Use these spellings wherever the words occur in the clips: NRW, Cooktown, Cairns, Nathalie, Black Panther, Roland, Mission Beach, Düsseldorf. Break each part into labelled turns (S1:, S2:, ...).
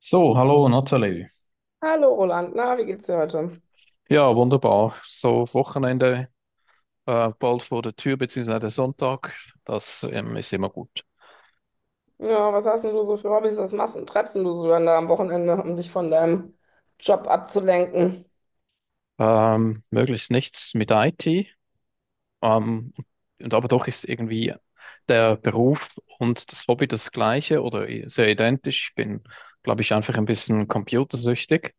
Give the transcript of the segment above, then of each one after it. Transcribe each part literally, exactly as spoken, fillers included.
S1: So, hallo Nathalie.
S2: Hallo Roland, na, wie geht's dir heute?
S1: Ja, wunderbar. So, Wochenende äh, bald vor der Tür, beziehungsweise der Sonntag, das ähm, ist immer gut.
S2: Ja, was hast denn du so für Hobbys? Was machst und treibst denn du so dann da am Wochenende, um dich von deinem Job abzulenken?
S1: Ähm, möglichst nichts mit I T, ähm, und aber doch ist irgendwie der Beruf und das Hobby das gleiche oder i- sehr identisch. Ich bin, glaube ich, einfach ein bisschen computersüchtig.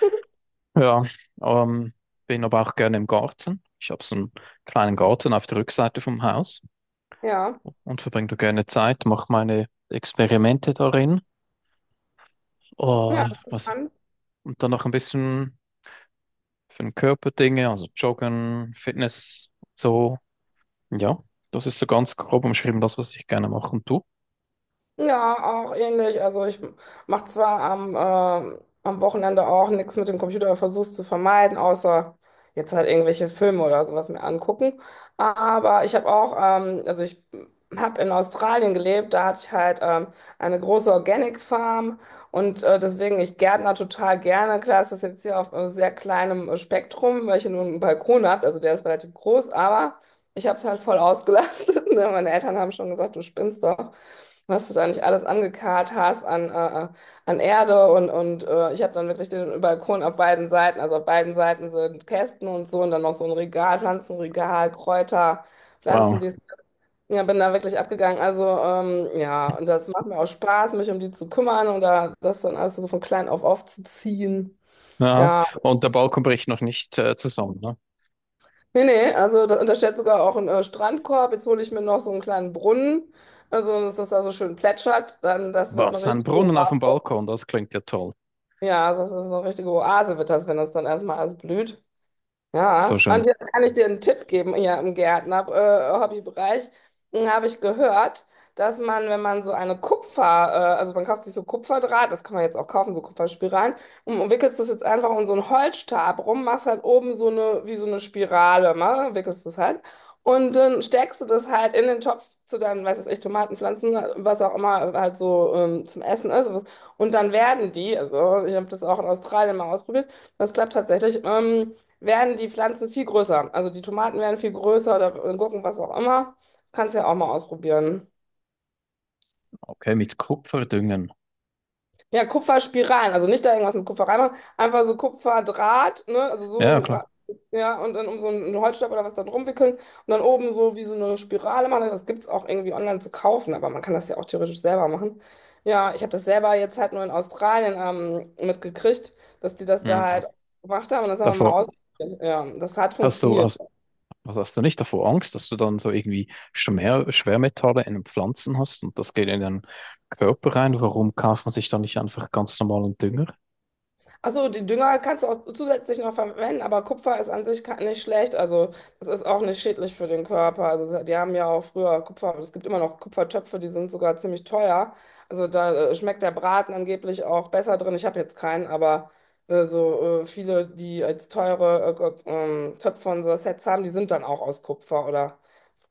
S1: Ja, ähm, bin aber auch gerne im Garten. Ich habe so einen kleinen Garten auf der Rückseite vom Haus,
S2: Ja,
S1: und verbringe da gerne Zeit, mache meine Experimente darin.
S2: ja,
S1: Oh, was,
S2: interessant.
S1: und dann noch ein bisschen für den Körper Dinge, also Joggen, Fitness, so. Ja, das ist so ganz grob umschrieben, das, was ich gerne mache. Und du?
S2: Ja, auch ähnlich. Also ich mache zwar am, äh, am Wochenende auch nichts mit dem Computer, aber versuch's zu vermeiden, außer jetzt halt irgendwelche Filme oder sowas mir angucken. Aber ich habe auch, ähm, also ich habe in Australien gelebt, da hatte ich halt ähm, eine große Organic Farm und äh, deswegen, ich gärtner total gerne. Klar ist das jetzt hier auf äh, sehr kleinem äh, Spektrum, weil ich hier nur einen Balkon habe, also der ist relativ groß, aber ich habe es halt voll ausgelastet. Ne? Meine Eltern haben schon gesagt, du spinnst doch, was du da nicht alles angekarrt hast an, äh, äh, an Erde und, und äh, ich habe dann wirklich den Balkon auf beiden Seiten, also auf beiden Seiten sind Kästen und so und dann noch so ein Regal, Pflanzenregal, Kräuter,
S1: Wow.
S2: Pflanzen, die ja, bin da wirklich abgegangen. Also ähm, ja, und das macht mir auch Spaß, mich um die zu kümmern oder das dann alles so von klein auf aufzuziehen.
S1: Ja,
S2: Ja,
S1: und der Balkon bricht noch nicht äh, zusammen, ne?
S2: nee, nee, also da, und da steht sogar auch ein äh, Strandkorb. Jetzt hole ich mir noch so einen kleinen Brunnen, also dass das da so schön plätschert. Dann, das wird eine
S1: Was? Ein
S2: richtige
S1: Brunnen auf dem
S2: Oa-.
S1: Balkon, das klingt ja toll.
S2: Ja, das ist eine richtige Oase, wird das, wenn das dann erstmal alles blüht.
S1: So
S2: Ja, und
S1: schön.
S2: jetzt kann ich dir einen Tipp geben hier im Gärtner-, äh, Hobbybereich. Hm, habe ich gehört, dass man, wenn man so eine Kupfer-, äh, also man kauft sich so Kupferdraht, das kann man jetzt auch kaufen, so Kupferspiralen, und und wickelst das jetzt einfach um so einen Holzstab rum, machst halt oben so eine, wie so eine Spirale, ne? Wickelst das halt. Und dann steckst du das halt in den Topf zu deinen, weiß ich, Tomatenpflanzen, was auch immer halt so ähm, zum Essen ist. Und dann werden die, also ich habe das auch in Australien mal ausprobiert, das klappt tatsächlich. Ähm, werden die Pflanzen viel größer. Also die Tomaten werden viel größer oder Gurken, was auch immer. Kannst ja auch mal ausprobieren.
S1: Okay, mit Kupfer düngen.
S2: Ja, Kupferspiralen, also nicht da irgendwas mit Kupfer reinmachen, einfach so Kupferdraht, ne? Also
S1: Ja,
S2: so,
S1: klar.
S2: ja, und dann um so einen Holzstab oder was da drum wickeln und dann oben so wie so eine Spirale machen. Das gibt es auch irgendwie online zu kaufen, aber man kann das ja auch theoretisch selber machen. Ja, ich habe das selber jetzt halt nur in Australien ähm, mitgekriegt, dass die das da halt
S1: Mhm.
S2: gemacht haben und das haben wir mal
S1: Davor
S2: ausprobiert. Ja, das hat
S1: hast du,
S2: funktioniert.
S1: hast Also hast du nicht davor Angst, dass du dann so irgendwie Schwer Schwermetalle in den Pflanzen hast und das geht in den Körper rein? Warum kauft man sich da nicht einfach ganz normalen Dünger?
S2: Achso, die Dünger kannst du auch zusätzlich noch verwenden, aber Kupfer ist an sich ka-, nicht schlecht. Also, das ist auch nicht schädlich für den Körper. Also, die haben ja auch früher Kupfer, es gibt immer noch Kupfertöpfe, die sind sogar ziemlich teuer. Also, da äh, schmeckt der Braten angeblich auch besser drin. Ich habe jetzt keinen, aber äh, so äh, viele, die als teure äh, äh, ähm, Töpfe und so Sets haben, die sind dann auch aus Kupfer. Oder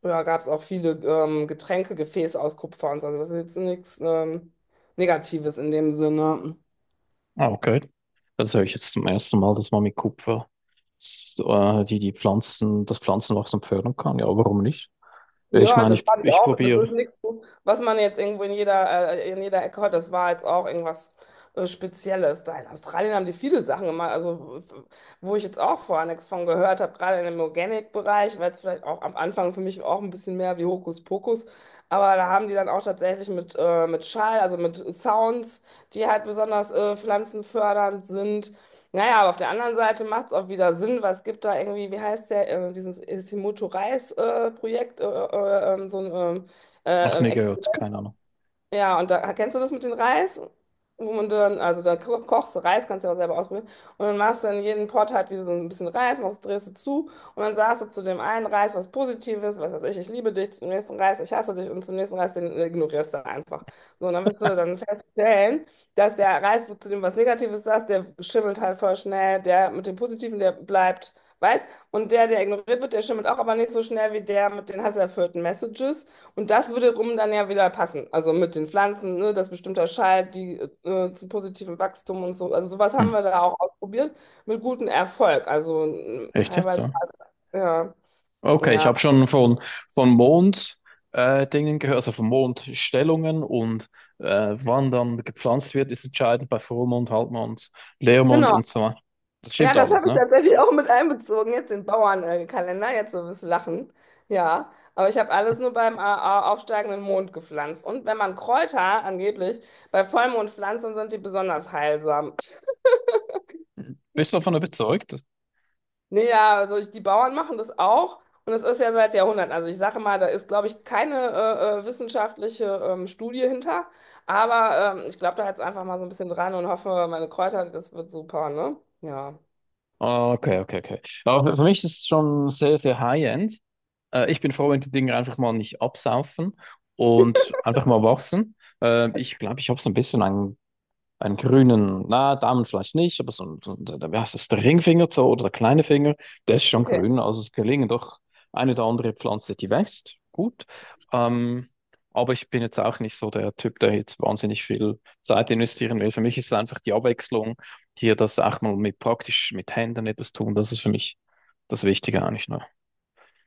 S2: früher gab es auch viele ähm, Getränkegefäße aus Kupfer und so. Also, das ist jetzt nichts ähm, Negatives in dem Sinne.
S1: Ah, okay. Das höre ich jetzt zum ersten Mal, dass man mit Kupfer s- äh, die, die Pflanzen, das Pflanzenwachstum fördern kann. Ja, warum nicht? Ja, ich
S2: Ja,
S1: meine,
S2: das
S1: ich,
S2: fand ich
S1: ich
S2: auch. Das
S1: probiere.
S2: ist nichts, was man jetzt irgendwo in jeder, äh, in jeder Ecke hört. Das war jetzt auch irgendwas äh, Spezielles. Da in Australien haben die viele Sachen gemacht, also w- wo ich jetzt auch vorher nichts von gehört habe, gerade in dem Organic-Bereich, weil es vielleicht auch am Anfang für mich auch ein bisschen mehr wie Hokuspokus. Aber da haben die dann auch tatsächlich mit, äh, mit Schall, also mit Sounds, die halt besonders äh, pflanzenfördernd sind. Naja, aber auf der anderen Seite macht es auch wieder Sinn, was gibt da irgendwie, wie heißt der, äh, dieses Himoto-Reis-Projekt, äh, Projekt, äh, äh, äh, ähm, so ein ähm,
S1: Ach,
S2: äh,
S1: nie
S2: äh,
S1: gehört, keine Ahnung.
S2: ja, und da kennst du das mit dem Reis? Wo man dann, also da ko kochst du Reis, kannst du ja auch selber ausprobieren. Und dann machst du in jeden Pot halt diesen ein bisschen Reis, machst, drehst du zu und dann sagst du zu dem einen Reis was Positives, was weiß ich, ich liebe dich, zum nächsten Reis, ich hasse dich und zum nächsten Reis, den ignorierst du einfach. So, und dann wirst du dann feststellen, dass der Reis, wo zu dem was Negatives sagst, der schimmelt halt voll schnell, der mit dem Positiven, der bleibt weiß und der, der ignoriert wird, der schimmelt auch, aber nicht so schnell wie der mit den hasserfüllten Messages. Und das würde rum dann ja wieder passen. Also mit den Pflanzen, ne, dass bestimmter Schalt, die äh, zu positivem Wachstum und so. Also sowas
S1: Hm.
S2: haben wir da auch ausprobiert mit gutem Erfolg. Also mm,
S1: Echt jetzt,
S2: teilweise,
S1: ja?
S2: ja,
S1: Okay, ich
S2: ja,
S1: habe schon von, von Mond äh, Dingen gehört, also von Mondstellungen und äh, wann dann gepflanzt wird, ist entscheidend bei Vollmond, Halbmond, Leermond
S2: genau.
S1: und so weiter. Das
S2: Ja,
S1: stimmt
S2: das
S1: alles,
S2: habe ich
S1: ne?
S2: tatsächlich auch mit einbezogen, jetzt den Bauernkalender, jetzt so ein bisschen lachen. Ja, aber ich habe alles nur beim äh, au- aufsteigenden Mond gepflanzt. Und wenn man Kräuter angeblich bei Vollmond pflanzt, dann sind die besonders heilsam.
S1: Bist du davon überzeugt?
S2: Nee, ja, also ich, die Bauern machen das auch und es ist ja seit Jahrhunderten. Also ich sage mal, da ist, glaube ich, keine äh, äh, wissenschaftliche ähm, Studie hinter, aber ähm, ich glaube da jetzt einfach mal so ein bisschen dran und hoffe, meine Kräuter, das wird super, ne? Ja.
S1: Ah, okay, okay, okay. Aber für mich ist es schon sehr, sehr high-end. Äh, ich bin froh, wenn die Dinge einfach mal nicht absaufen und einfach mal wachsen. Äh, ich glaube, ich habe so ein bisschen ein einen grünen, na, Daumen vielleicht nicht, aber so ein, so ein- wie heißt das, der Ringfinger so, oder der kleine Finger, der ist schon
S2: Okay.
S1: grün. Also es gelingen doch eine oder andere Pflanze, die wächst. Gut. Ähm, aber ich bin jetzt auch nicht so der Typ, der jetzt wahnsinnig viel Zeit investieren will. Für mich ist es einfach die Abwechslung, hier das auch mal mit praktisch mit Händen etwas tun. Das ist für mich das Wichtige eigentlich noch.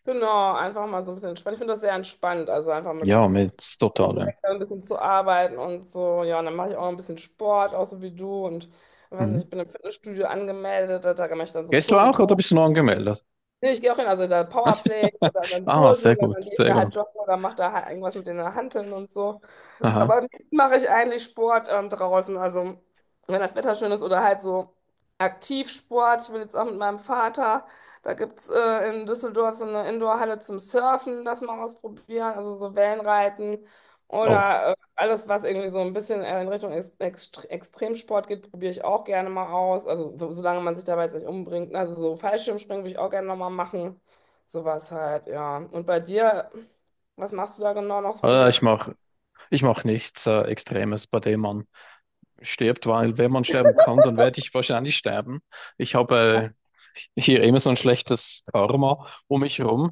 S2: Genau, einfach mal so ein bisschen entspannt. Ich finde das sehr entspannt, also einfach mit
S1: Ja, mit
S2: dem
S1: totalem.
S2: Dreck da ein bisschen zu arbeiten und so. Ja, und dann mache ich auch ein bisschen Sport, auch so wie du und ich weiß nicht, ich
S1: Mhm.
S2: bin im Fitnessstudio angemeldet, da mache ich dann so
S1: Gehst du
S2: Kurse.
S1: auch oder bist du noch angemeldet?
S2: Nee, ich gehe auch hin, also da Powerplay oder dann
S1: Ah,
S2: Kurse
S1: sehr
S2: oder
S1: gut,
S2: dann geht
S1: sehr
S2: da halt
S1: gut.
S2: joggen oder macht da halt irgendwas mit den Hanteln und so.
S1: Aha.
S2: Aber am liebsten mache ich eigentlich Sport ähm, draußen. Also, wenn das Wetter schön ist oder halt so Aktivsport. Ich will jetzt auch mit meinem Vater. Da gibt es äh, in Düsseldorf so eine Indoorhalle zum Surfen, das mal ausprobieren. Also, so Wellenreiten
S1: Oh,
S2: oder äh, alles, was irgendwie so ein bisschen äh, in Richtung Ex Ext- Extremsport geht, probiere ich auch gerne mal aus. Also, so, solange man sich dabei jetzt nicht umbringt. Also, so Fallschirmspringen würde ich auch gerne nochmal machen. Sowas halt, ja. Und bei dir, was machst du da genau noch für
S1: äh,
S2: so
S1: ich mach, ich mache nichts äh, Extremes, bei dem man stirbt, weil wenn man sterben kann, dann werde ich wahrscheinlich sterben. Ich habe äh, hier immer so ein schlechtes Karma um mich herum.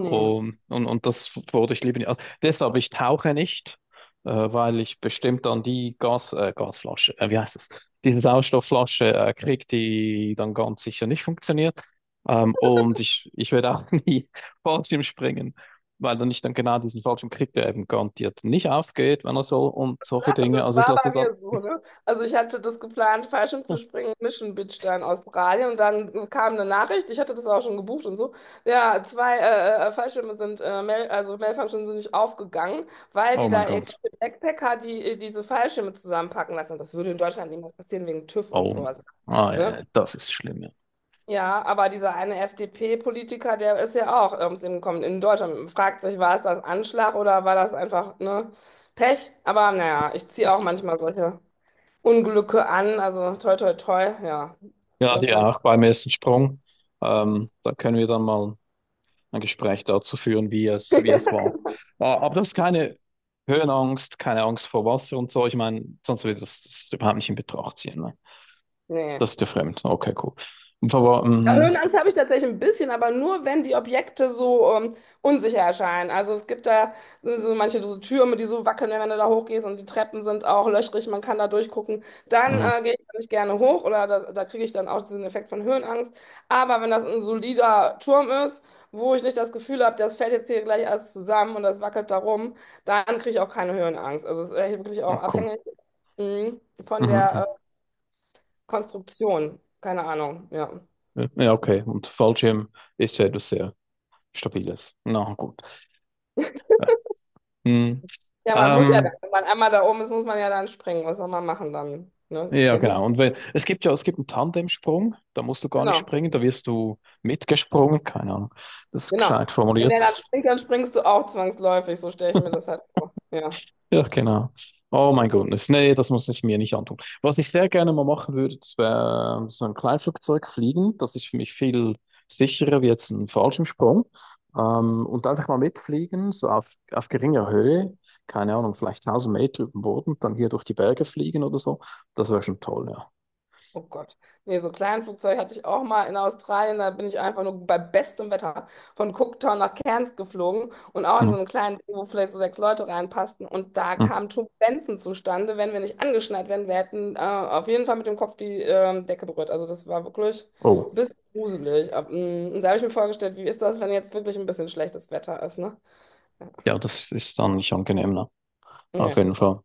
S1: Um, und, und das wurde ich lieber nicht. Also deshalb, ich tauche nicht, äh, weil ich bestimmt dann die Gas, äh, Gasflasche, äh, wie heißt das? Diese Sauerstoffflasche äh, kriege, die dann ganz sicher nicht funktioniert. Ähm, und ich, ich werde auch nie Fallschirm springen, weil dann ich dann genau diesen Fallschirm kriege, der eben garantiert nicht aufgeht, wenn er soll und solche
S2: lachen,
S1: Dinge.
S2: das
S1: Also ich
S2: war
S1: lasse
S2: bei
S1: das halt.
S2: mir so, ne? Also ich hatte das geplant, Fallschirm zu
S1: Oh,
S2: springen, Mission Beach da in Australien und dann kam eine Nachricht, ich hatte das auch schon gebucht und so, ja, zwei äh, äh, äh, Fallschirme sind, äh, Mail, also Mailfunctions sind nicht aufgegangen, weil
S1: oh
S2: die
S1: mein
S2: da
S1: Gott.
S2: irgendwelche Backpacker, die äh, diese Fallschirme zusammenpacken lassen. Das würde in Deutschland niemals passieren wegen TÜV und
S1: Oh,
S2: so, also,
S1: ah, ja,
S2: ne?
S1: ja, das ist schlimm. Ja,
S2: Ja, aber dieser eine F D P-Politiker, der ist ja auch ums Leben gekommen in Deutschland. Man fragt sich, war es das Anschlag oder war das einfach, ne, Pech? Aber naja, ich ziehe auch manchmal solche Unglücke an. Also toi, toi, toi, ja.
S1: ja,
S2: Das
S1: die
S2: dann.
S1: auch beim ersten Sprung. Ähm, da können wir dann mal. ein Gespräch dazu führen, wie es, wie es war. Äh, aber das ist keine Höhenangst, keine Angst vor Wasser und so. Ich meine, sonst würde das, das überhaupt nicht in Betracht ziehen. Ne?
S2: Nee.
S1: Das ist dir fremd. Okay, cool. Und Aber,
S2: Ja,
S1: mhm,
S2: Höhenangst habe ich tatsächlich ein bisschen, aber nur wenn die Objekte so ähm, unsicher erscheinen. Also es gibt da so so manche so Türme, die so wackeln, wenn du da hochgehst und die Treppen sind auch löchrig, man kann da durchgucken. Dann äh,
S1: mhm.
S2: gehe ich da nicht gerne hoch oder da, da kriege ich dann auch diesen Effekt von Höhenangst. Aber wenn das ein solider Turm ist, wo ich nicht das Gefühl habe, das fällt jetzt hier gleich alles zusammen und das wackelt da rum, dann kriege ich auch keine Höhenangst. Also es ist echt wirklich auch
S1: Ach komm.
S2: abhängig mh, von
S1: Mhm,
S2: der äh, Konstruktion. Keine Ahnung, ja.
S1: mhm. Ja, okay. Und Fallschirm ist ja etwas sehr Stabiles. Na gut. Ja. Mhm.
S2: Ja, man muss ja, dann,
S1: Ähm,
S2: wenn man einmal da oben ist, muss man ja dann springen. Was soll man machen dann? Ne?
S1: ja,
S2: Ja, gut,
S1: genau. Und wenn, es gibt ja, es gibt einen Tandemsprung, da musst du gar nicht
S2: genau,
S1: springen, da wirst du mitgesprungen, keine Ahnung. Das ist
S2: genau.
S1: gescheit
S2: Wenn
S1: formuliert.
S2: der dann springt, dann springst du auch zwangsläufig. So stelle ich mir das halt vor. Ja.
S1: Ja, genau. Oh mein Gott, nee, das muss ich mir nicht antun. Was ich sehr gerne mal machen würde, das wäre so ein Kleinflugzeug fliegen. Das ist für mich viel sicherer wie jetzt ein Fallschirmsprung. Ähm, und einfach mal mitfliegen, so auf, auf geringer Höhe, keine Ahnung, vielleicht tausend Meter über dem Boden, dann hier durch die Berge fliegen oder so. Das wäre schon toll, ja.
S2: Oh Gott. Nee, so ein Kleinflugzeug hatte ich auch mal in Australien. Da bin ich einfach nur bei bestem Wetter von Cooktown nach Cairns geflogen und auch in so
S1: Mhm.
S2: einem kleinen Boot, wo vielleicht so sechs Leute reinpassten. Und da
S1: Mhm.
S2: kamen Turbulenzen zustande. Wenn wir nicht angeschnallt wären, wir hätten äh, auf jeden Fall mit dem Kopf die ähm, Decke berührt. Also das war wirklich ein
S1: Oh,
S2: bisschen gruselig. Ab- mm, Und da habe ich mir vorgestellt, wie ist das, wenn jetzt wirklich ein bisschen schlechtes Wetter ist, ne?
S1: ja, das ist dann nicht angenehm, ne?
S2: Ja,
S1: Auf
S2: ja,
S1: jeden Fall.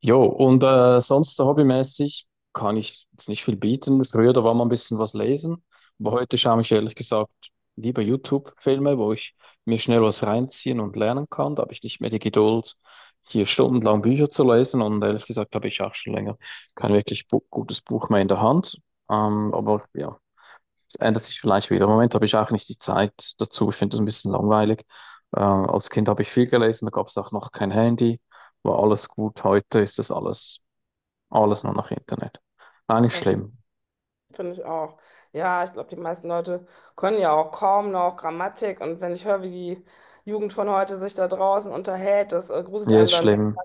S1: Jo, und äh, sonst so hobbymäßig kann ich jetzt nicht viel bieten. Früher, da war mal ein bisschen was lesen, aber heute schaue ich ehrlich gesagt lieber YouTube-Filme, wo ich mir schnell was reinziehen und lernen kann. Da habe ich nicht mehr die Geduld, hier stundenlang Bücher zu lesen und ehrlich gesagt habe ich auch schon länger kein wirklich bu gutes Buch mehr in der Hand. Ähm, aber ja, ändert sich vielleicht wieder. Im Moment habe ich auch nicht die Zeit dazu. Ich finde das ein bisschen langweilig. Äh, als Kind habe ich viel gelesen, da gab es auch noch kein Handy, war alles gut. Heute ist das alles, alles nur noch Internet. Eigentlich
S2: das
S1: schlimm.
S2: finde ich auch. Ja, ich glaube, die meisten Leute können ja auch kaum noch Grammatik. Und wenn ich höre, wie die Jugend von heute sich da draußen unterhält, das äh, gruselt
S1: Ja,
S2: einem
S1: ist
S2: dann
S1: schlimm.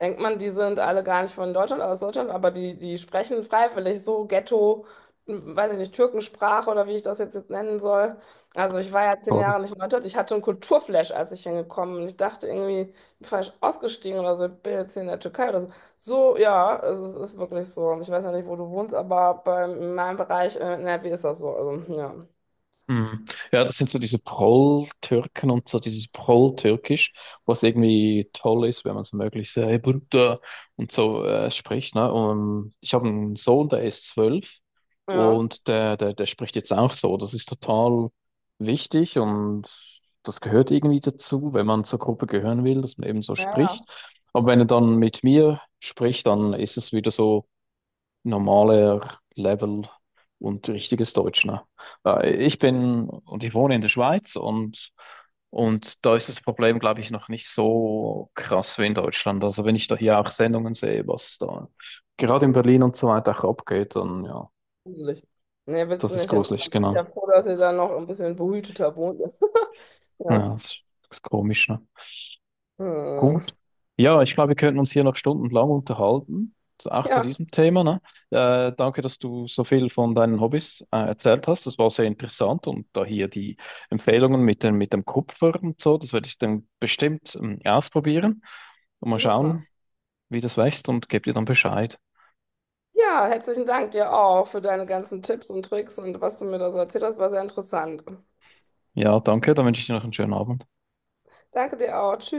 S2: denkt man, die sind alle gar nicht von Deutschland, aus Deutschland, aber die, die sprechen freiwillig so Ghetto, m, weiß ich nicht, Türkensprache oder wie ich das jetzt, jetzt nennen soll. Also ich war ja zehn
S1: Oder?
S2: Jahre nicht in Deutschland. Ich hatte einen Kulturflash, als ich hingekommen bin. Ich dachte irgendwie, ich bin falsch ausgestiegen oder so, ich bin jetzt hier in der Türkei oder so. So, ja, also es ist wirklich so. Ich weiß ja nicht, wo du wohnst, aber bei, in meinem Bereich äh, in N R W ist das so. Also, ja.
S1: Mhm. Ja, das sind so diese Prol-Türken und so dieses Prol-Türkisch, was irgendwie toll ist, wenn man es möglichst äh, hey, Bruder und so äh, spricht. Ne? Und ich habe einen Sohn, der ist zwölf
S2: Ja.
S1: und der, der, der spricht jetzt auch so. Das ist total wichtig und das gehört irgendwie dazu, wenn man zur Gruppe gehören will, dass man eben so
S2: Ja, ja,
S1: spricht. Aber wenn er dann mit mir spricht, dann ist es wieder so normaler Level und richtiges Deutsch, ne? Äh, Ich bin und ich wohne in der Schweiz und, und da ist das Problem, glaube ich, noch nicht so krass wie in Deutschland. Also wenn ich da hier auch Sendungen sehe, was da gerade in Berlin und so weiter auch abgeht, dann ja,
S2: gruselig. Nee, willst du
S1: das ist
S2: nicht hin.
S1: gruselig,
S2: Ich bin
S1: genau.
S2: ja froh, dass ihr da noch ein bisschen behüteter wohnt.
S1: Ja,
S2: Ja.
S1: das ist, das ist komisch, ne?
S2: Hm.
S1: Gut. Ja, ich glaube, wir könnten uns hier noch stundenlang unterhalten, zu- auch zu
S2: Ja,
S1: diesem Thema, ne? Äh, danke, dass du so viel von deinen Hobbys äh, erzählt hast. Das war sehr interessant und da hier die Empfehlungen mit dem, mit dem Kupfer und so, das werde ich dann bestimmt ähm, ausprobieren und mal
S2: super.
S1: schauen, wie das wächst und gebe dir dann Bescheid.
S2: Ja, herzlichen Dank dir auch für deine ganzen Tipps und Tricks und was du mir da so erzählt hast, war sehr interessant.
S1: Ja, danke, dann wünsche ich dir noch einen schönen Abend.
S2: Danke dir auch.